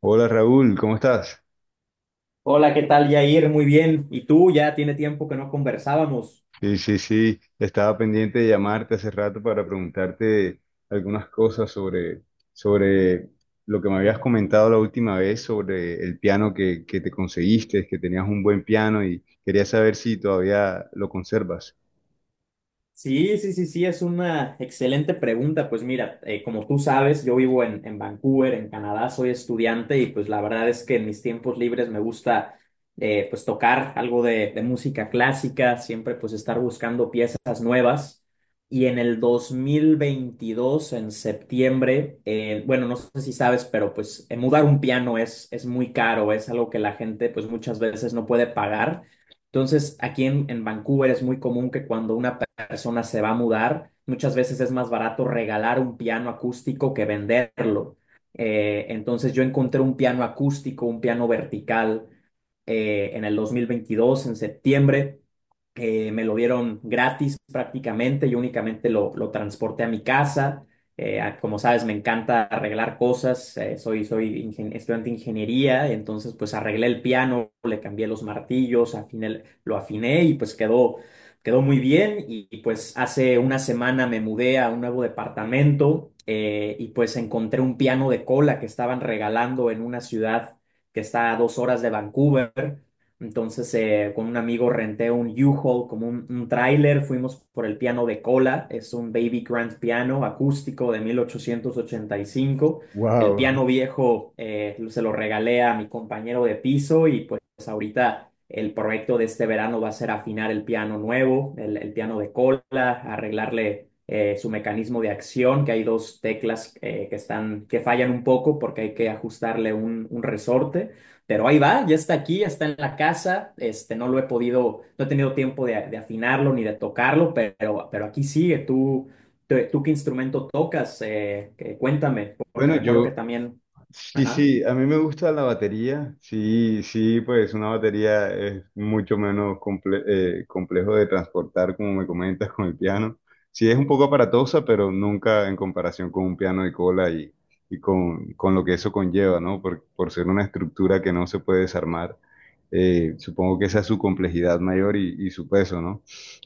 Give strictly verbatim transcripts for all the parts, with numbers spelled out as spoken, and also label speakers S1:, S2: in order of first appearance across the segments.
S1: Hola Raúl, ¿cómo estás?
S2: Hola, ¿qué tal? Ya ir muy bien. Y tú, ya tiene tiempo que no conversábamos.
S1: Sí, sí, sí, estaba pendiente de llamarte hace rato para preguntarte algunas cosas sobre, sobre lo que me habías comentado la última vez sobre el piano que, que te conseguiste, que tenías un buen piano y quería saber si todavía lo conservas.
S2: Sí, sí, sí, sí, es una excelente pregunta. Pues mira, eh, como tú sabes, yo vivo en, en Vancouver, en Canadá, soy estudiante y pues la verdad es que en mis tiempos libres me gusta eh, pues tocar algo de, de música clásica, siempre pues estar buscando piezas nuevas. Y en el dos mil veintidós en septiembre, eh, bueno, no sé si sabes, pero pues eh, mudar un piano es, es muy caro, es algo que la gente pues muchas veces no puede pagar. Entonces, aquí en, en Vancouver es muy común que cuando una persona se va a mudar, muchas veces es más barato regalar un piano acústico que venderlo. Eh, entonces yo encontré un piano acústico, un piano vertical, eh, en el dos mil veintidós, en septiembre. Eh, me lo dieron gratis prácticamente, yo únicamente lo, lo transporté a mi casa. Eh, a- como sabes, me encanta arreglar cosas, eh, soy, soy ingen- estudiante de ingeniería, entonces pues arreglé el piano, le cambié los martillos, afiné el- lo afiné y pues quedó, quedó muy bien. Y, y, pues hace una semana me mudé a un nuevo departamento, eh, y pues encontré un piano de cola que estaban regalando en una ciudad que está a dos horas de Vancouver. Entonces, eh, con un amigo renté un U-Haul, como un, un tráiler. Fuimos por el piano de cola. Es un Baby Grand Piano acústico de mil ochocientos ochenta y cinco. El
S1: Wow.
S2: piano viejo, eh, se lo regalé a mi compañero de piso y pues pues ahorita el proyecto de este verano va a ser afinar el piano nuevo, el, el piano de cola, arreglarle eh, su mecanismo de acción, que hay dos teclas, eh, que están, que fallan un poco porque hay que ajustarle un, un resorte, pero ahí va, ya está aquí, ya está en la casa. Este, no lo he podido, no he tenido tiempo de, de afinarlo ni de tocarlo, pero, pero aquí sigue. Tú, tú, tú qué instrumento tocas. Eh, que- cuéntame, porque
S1: Bueno,
S2: recuerdo que
S1: yo,
S2: también,
S1: sí,
S2: ajá,
S1: sí, a mí me gusta la batería. Sí, sí, pues una batería es mucho menos comple- eh, complejo de transportar, como me comentas, con el piano. Sí, es un poco aparatosa, pero nunca en comparación con un piano de cola y, y con, con lo que eso conlleva, ¿no? Por, por ser una estructura que no se puede desarmar. Eh, supongo que esa es su complejidad mayor y, y su peso, ¿no?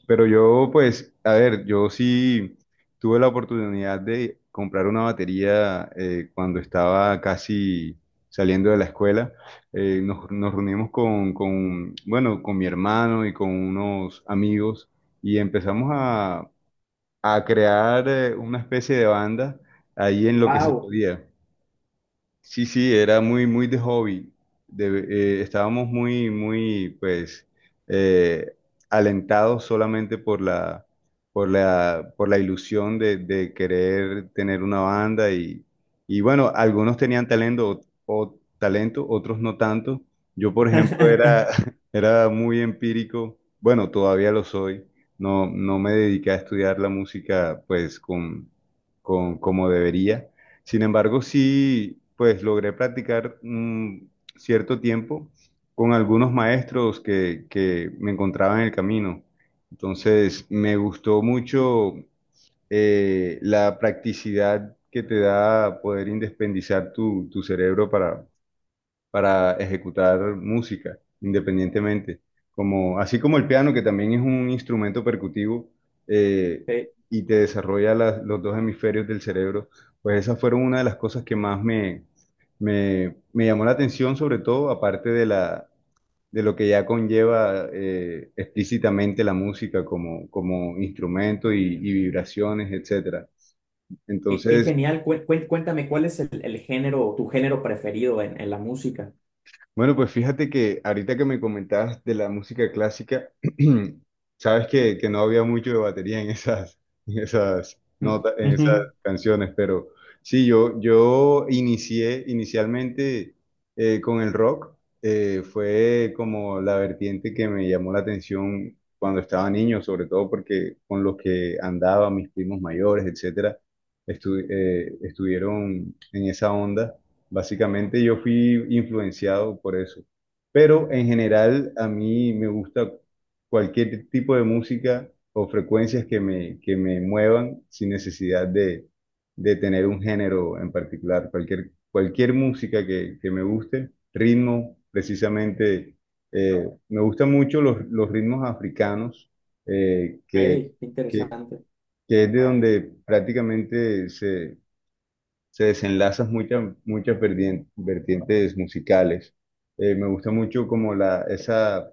S1: Pero yo, pues, a ver, yo sí. Tuve la oportunidad de comprar una batería eh, cuando estaba casi saliendo de la escuela. Eh, nos, nos reunimos con, con, bueno, con mi hermano y con unos amigos y empezamos a, a crear eh, una especie de banda ahí en lo que se
S2: wow.
S1: podía. Sí, sí, era muy, muy de hobby. De- eh, Estábamos muy, muy, pues, eh, alentados solamente por la, por la, por la ilusión de, de querer tener una banda y, y bueno, algunos tenían talento o, talento, otros no tanto. Yo, por ejemplo, era, era muy empírico. Bueno, todavía lo soy. No, no me dediqué a estudiar la música, pues, con, con, como debería. Sin embargo, sí, pues logré practicar un cierto tiempo con algunos maestros que, que me encontraba en el camino. Entonces, me gustó mucho eh, la practicidad que te da poder independizar tu, tu cerebro para, para ejecutar música independientemente. Como, así como el piano, que también es un instrumento percutivo eh, y te desarrolla las- los dos hemisferios del cerebro, pues esas fueron una de las cosas que más me, me, me llamó la atención, sobre todo aparte de la, de lo que ya conlleva eh, explícitamente la música como, como instrumento y, y vibraciones, etcétera.
S2: Qué, qué
S1: Entonces,
S2: genial. Cué- cué- Cuéntame, ¿cuál es el, el género, tu género preferido en, en la música?
S1: bueno, pues fíjate que ahorita que me comentabas de la música clásica, sabes que, que no había mucho de batería en esas, en esas
S2: Mm,
S1: notas, en esas
S2: ujú.
S1: canciones, pero sí, yo, yo inicié inicialmente eh, con el rock. Eh, fue como la vertiente que me llamó la atención cuando estaba niño, sobre todo porque con los que andaba, mis primos mayores, etcétera, estu- eh, estuvieron en esa onda. Básicamente yo fui influenciado por eso. Pero en general a mí me gusta cualquier tipo de música o frecuencias que me, que me muevan sin necesidad de, de tener un género en particular. Cualquier, cualquier música que, que me guste, ritmo, precisamente. Eh, me gustan mucho los, los ritmos africanos, eh, que,
S2: Ey, qué
S1: que,
S2: interesante.
S1: que es de donde prácticamente se desenlazan muchas muchas verdien- vertientes musicales. Eh, me gusta mucho como la, esa,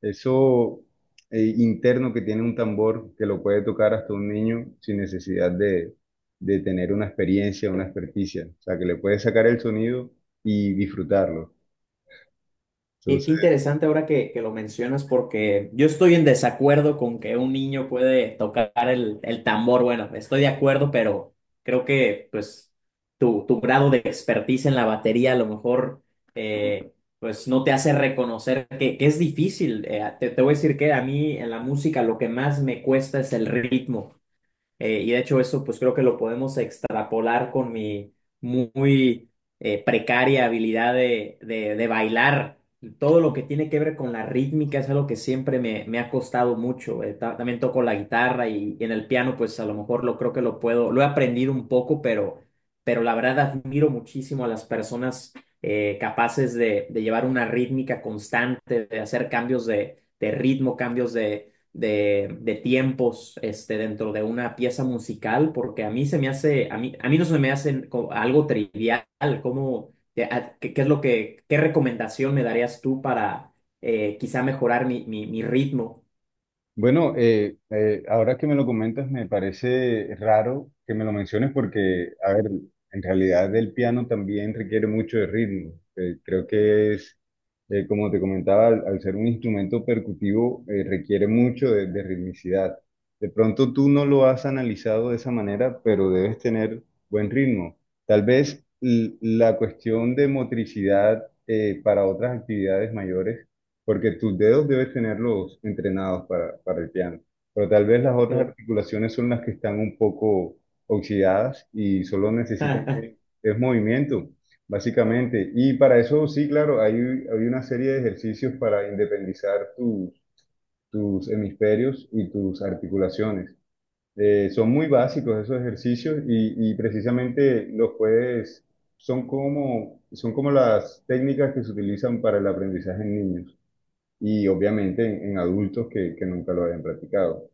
S1: eso eh, interno que tiene un tambor que lo puede tocar hasta un niño sin necesidad de, de tener una experiencia, una experticia. O sea, que le puede sacar el sonido y disfrutarlo.
S2: Y qué interesante ahora que, que lo mencionas, porque yo estoy en desacuerdo con que un niño puede tocar el, el tambor. Bueno, estoy de acuerdo, pero creo que pues tu, tu grado de expertise en la batería a lo mejor, eh, pues no te hace reconocer que, que es difícil. Eh, te, te voy a decir que a mí en la música lo que más me cuesta es el ritmo. Eh, y de hecho eso pues creo que lo podemos extrapolar con mi muy eh, precaria habilidad de, de- de bailar. Todo lo que tiene que ver con la rítmica es algo que siempre me, me ha costado mucho. Eh, ta- también toco la guitarra y, y en el piano pues a lo mejor lo creo que lo puedo, lo he aprendido un poco, pero, pero la verdad admiro muchísimo a las personas eh, capaces de, de llevar una rítmica constante, de hacer cambios de, de ritmo, cambios de, de tiempos, este, dentro de una pieza musical, porque a mí se me hace, a mí, a mí no se me hace co- algo trivial. Como, ¿qué, qué es lo que, ¿Qué recomendación me darías tú para eh, quizá mejorar mi, mi, mi ritmo?
S1: Bueno, eh, eh, ahora que me lo comentas, me parece raro que me lo menciones porque, a ver, en realidad el piano también requiere mucho de ritmo. Eh, creo que es, eh, como te comentaba, al, al ser un instrumento percutivo, eh, requiere mucho de, de ritmicidad. De pronto tú no lo has analizado de esa manera, pero debes tener buen ritmo. Tal vez l- la cuestión de motricidad, eh, para otras actividades mayores, porque tus dedos debes tenerlos entrenados para, para el piano, pero tal vez las otras
S2: Sí.
S1: articulaciones son las que están un poco oxidadas y solo necesitan que- es movimiento, básicamente. Y para eso, sí, claro, hay, hay una serie de ejercicios para independizar tus, tus hemisferios y tus articulaciones. Eh, son muy básicos esos ejercicios y, y precisamente los puedes, son como, son como las técnicas que se utilizan para el aprendizaje en niños y obviamente en, en adultos que, que nunca lo hayan practicado.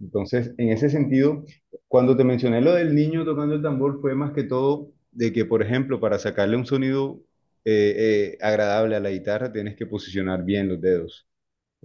S1: Entonces, en ese sentido, cuando te mencioné lo del niño tocando el tambor, fue más que todo de que, por ejemplo, para sacarle un sonido eh, eh, agradable a la guitarra, tienes que posicionar bien los dedos,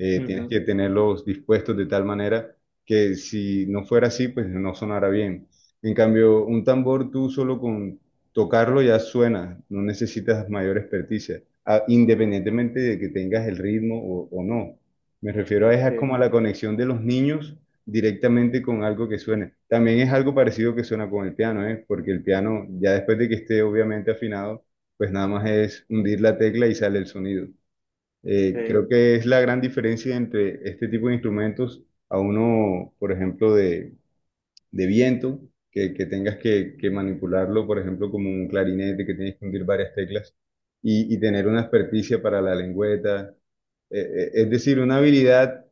S1: eh, tienes que
S2: Ujú,
S1: tenerlos dispuestos de tal manera que si no fuera así, pues no sonara bien. En cambio, un tambor tú solo con tocarlo ya suena, no necesitas mayor experticia, a- independientemente de que tengas el ritmo o, o no. Me refiero a esa
S2: sí,
S1: como a la conexión de los niños directamente con algo que suene. También es algo parecido que suena con el piano, ¿eh? Porque el piano, ya después de que esté obviamente afinado, pues nada más es hundir la tecla y sale el sonido. Eh,
S2: sí,
S1: creo que es la gran diferencia entre este tipo de instrumentos a uno, por ejemplo, de, de viento, que, que tengas que, que manipularlo, por ejemplo, como un clarinete, que tienes que hundir varias teclas, y, y tener una experticia para la lengüeta. Eh, eh, es decir, una habilidad,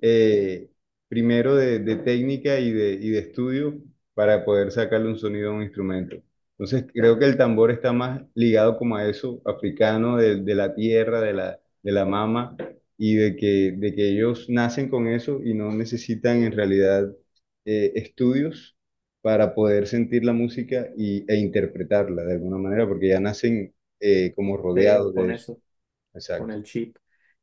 S1: eh, primero de, de técnica y de, y de estudio para poder sacarle un sonido a un instrumento. Entonces, creo que el tambor está más ligado como a eso, africano, de, de la tierra, de la, de la mama, y de que, de que ellos nacen con eso y no necesitan en realidad, eh, estudios para poder sentir la música y, e interpretarla de alguna manera, porque ya nacen eh, como
S2: sí,
S1: rodeados
S2: con
S1: de eso.
S2: eso. Con
S1: Exacto.
S2: el chip.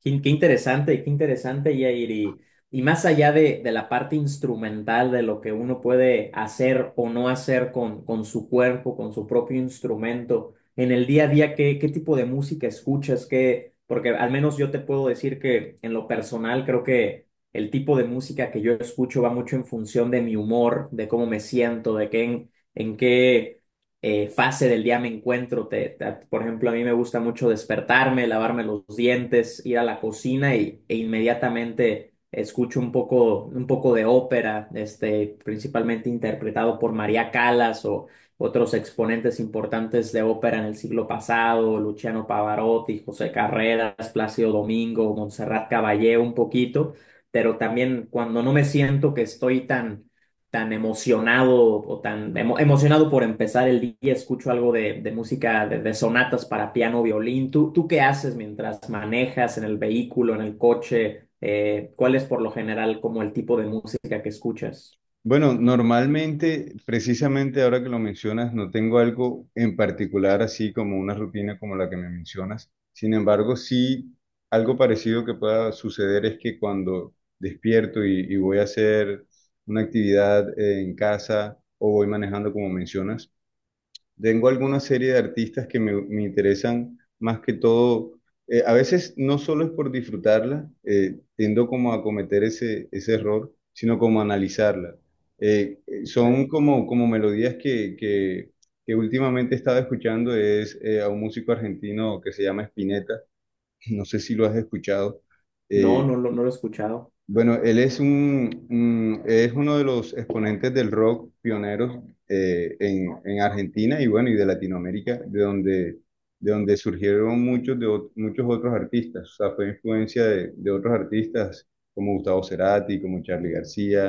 S2: Qué, qué interesante, qué interesante, Yair. Y, y más allá de, de la parte instrumental, de lo que uno puede hacer o no hacer con, con su cuerpo, con su propio instrumento, en el día a día, ¿qué, qué tipo de música escuchas? ¿Qué, porque al menos yo te puedo decir que en lo personal creo que el tipo de música que yo escucho va mucho en función de mi humor, de cómo me siento, de qué, en en qué eh, fase del día me encuentro. Te- te- por ejemplo, a mí me gusta mucho despertarme, lavarme los dientes, ir a la cocina y, e inmediatamente escucho un poco, un poco de ópera, este, principalmente interpretado por María Callas o otros exponentes importantes de ópera en el siglo pasado, Luciano Pavarotti, José Carreras, Plácido Domingo, Montserrat Caballé un poquito, pero también cuando no me siento que estoy tan tan emocionado o tan emo- emocionado por empezar el día, escucho algo de, de música de, de sonatas para piano, violín. ¿Tú, tú qué haces mientras manejas en el vehículo, en el coche? Eh, ¿cuál es por lo general como el tipo de música que escuchas?
S1: Bueno, normalmente, precisamente ahora que lo mencionas, no tengo algo en particular así como una rutina como la que me mencionas. Sin embargo, sí, algo parecido que pueda suceder es que cuando despierto y, y voy a hacer una actividad, eh, en casa o voy manejando como mencionas, tengo alguna serie de artistas que me, me interesan más que todo. Eh, a veces no solo es por disfrutarla, eh, tiendo como a cometer ese, ese error, sino como a analizarla. Eh, eh,
S2: Ok.
S1: son como, como melodías que, que, que últimamente he estado escuchando, es eh, a un músico argentino que se llama Spinetta, no sé si lo has escuchado.
S2: No,
S1: Eh,
S2: no, lo- no lo he escuchado.
S1: bueno, él es un, un- es uno de los exponentes del rock pioneros, eh, en, en Argentina y bueno, y de Latinoamérica, de donde, de donde surgieron muchos, de, ot- muchos otros artistas. O sea, fue influencia de, de otros artistas como Gustavo Cerati, como Charly García,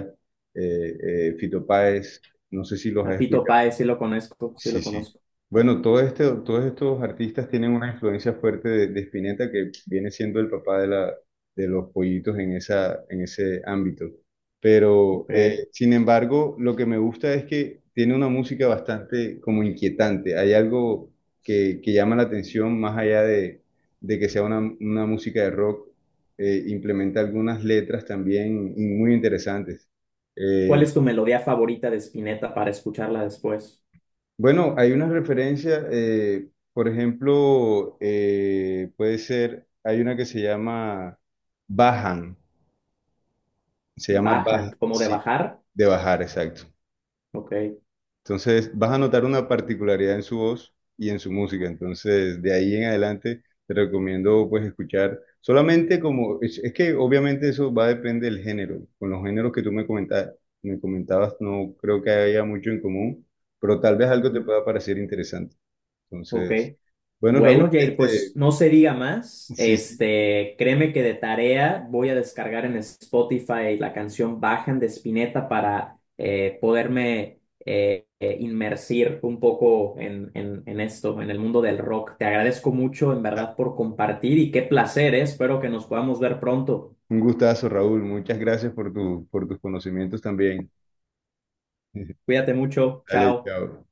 S1: eh, eh, Fito Páez. No sé si los
S2: A
S1: has
S2: Fito
S1: escuchado.
S2: Páez sí lo conozco, sí lo
S1: Sí, sí.
S2: conozco.
S1: Bueno, todo este, todos estos artistas tienen una influencia fuerte de, de Spinetta, que viene siendo el papá de, la, de los pollitos en, esa, en ese ámbito. Pero,
S2: Ok.
S1: eh, sin embargo, lo que me gusta es que tiene una música bastante como inquietante. Hay algo que, que llama la atención más allá de, de que sea una, una música de rock. Eh, implementa algunas letras también muy interesantes.
S2: ¿Cuál
S1: Eh,
S2: es tu melodía favorita de Spinetta para escucharla después?
S1: Bueno, hay una referencia, eh, por ejemplo, eh, puede ser, hay una que se llama Bajan, se llama
S2: Bajan,
S1: Baja,
S2: como de
S1: sí,
S2: bajar.
S1: de bajar, exacto.
S2: Ok.
S1: Entonces, vas a notar una particularidad en su voz y en su música. Entonces, de ahí en adelante, te recomiendo pues escuchar solamente como, es, es que obviamente eso va a depender del género. Con los géneros que tú me comentabas, me comentabas, no creo que haya mucho en común, pero tal vez algo te
S2: Ujú.
S1: pueda parecer interesante.
S2: Ok.
S1: Entonces, bueno, Raúl,
S2: Bueno, Jair, pues
S1: este,
S2: no se diga más.
S1: sí, sí,
S2: Este, créeme que de tarea voy a descargar en Spotify la canción Bajan de Spinetta para eh, poderme eh, eh, inmersir un poco en, en, en esto, en el mundo del rock. Te agradezco mucho, en verdad, por compartir y qué placer, eh. Espero que nos podamos ver pronto.
S1: un gustazo, Raúl. Muchas gracias por tu, por tus conocimientos también.
S2: Cuídate mucho.
S1: Dale,
S2: Chao.
S1: chao.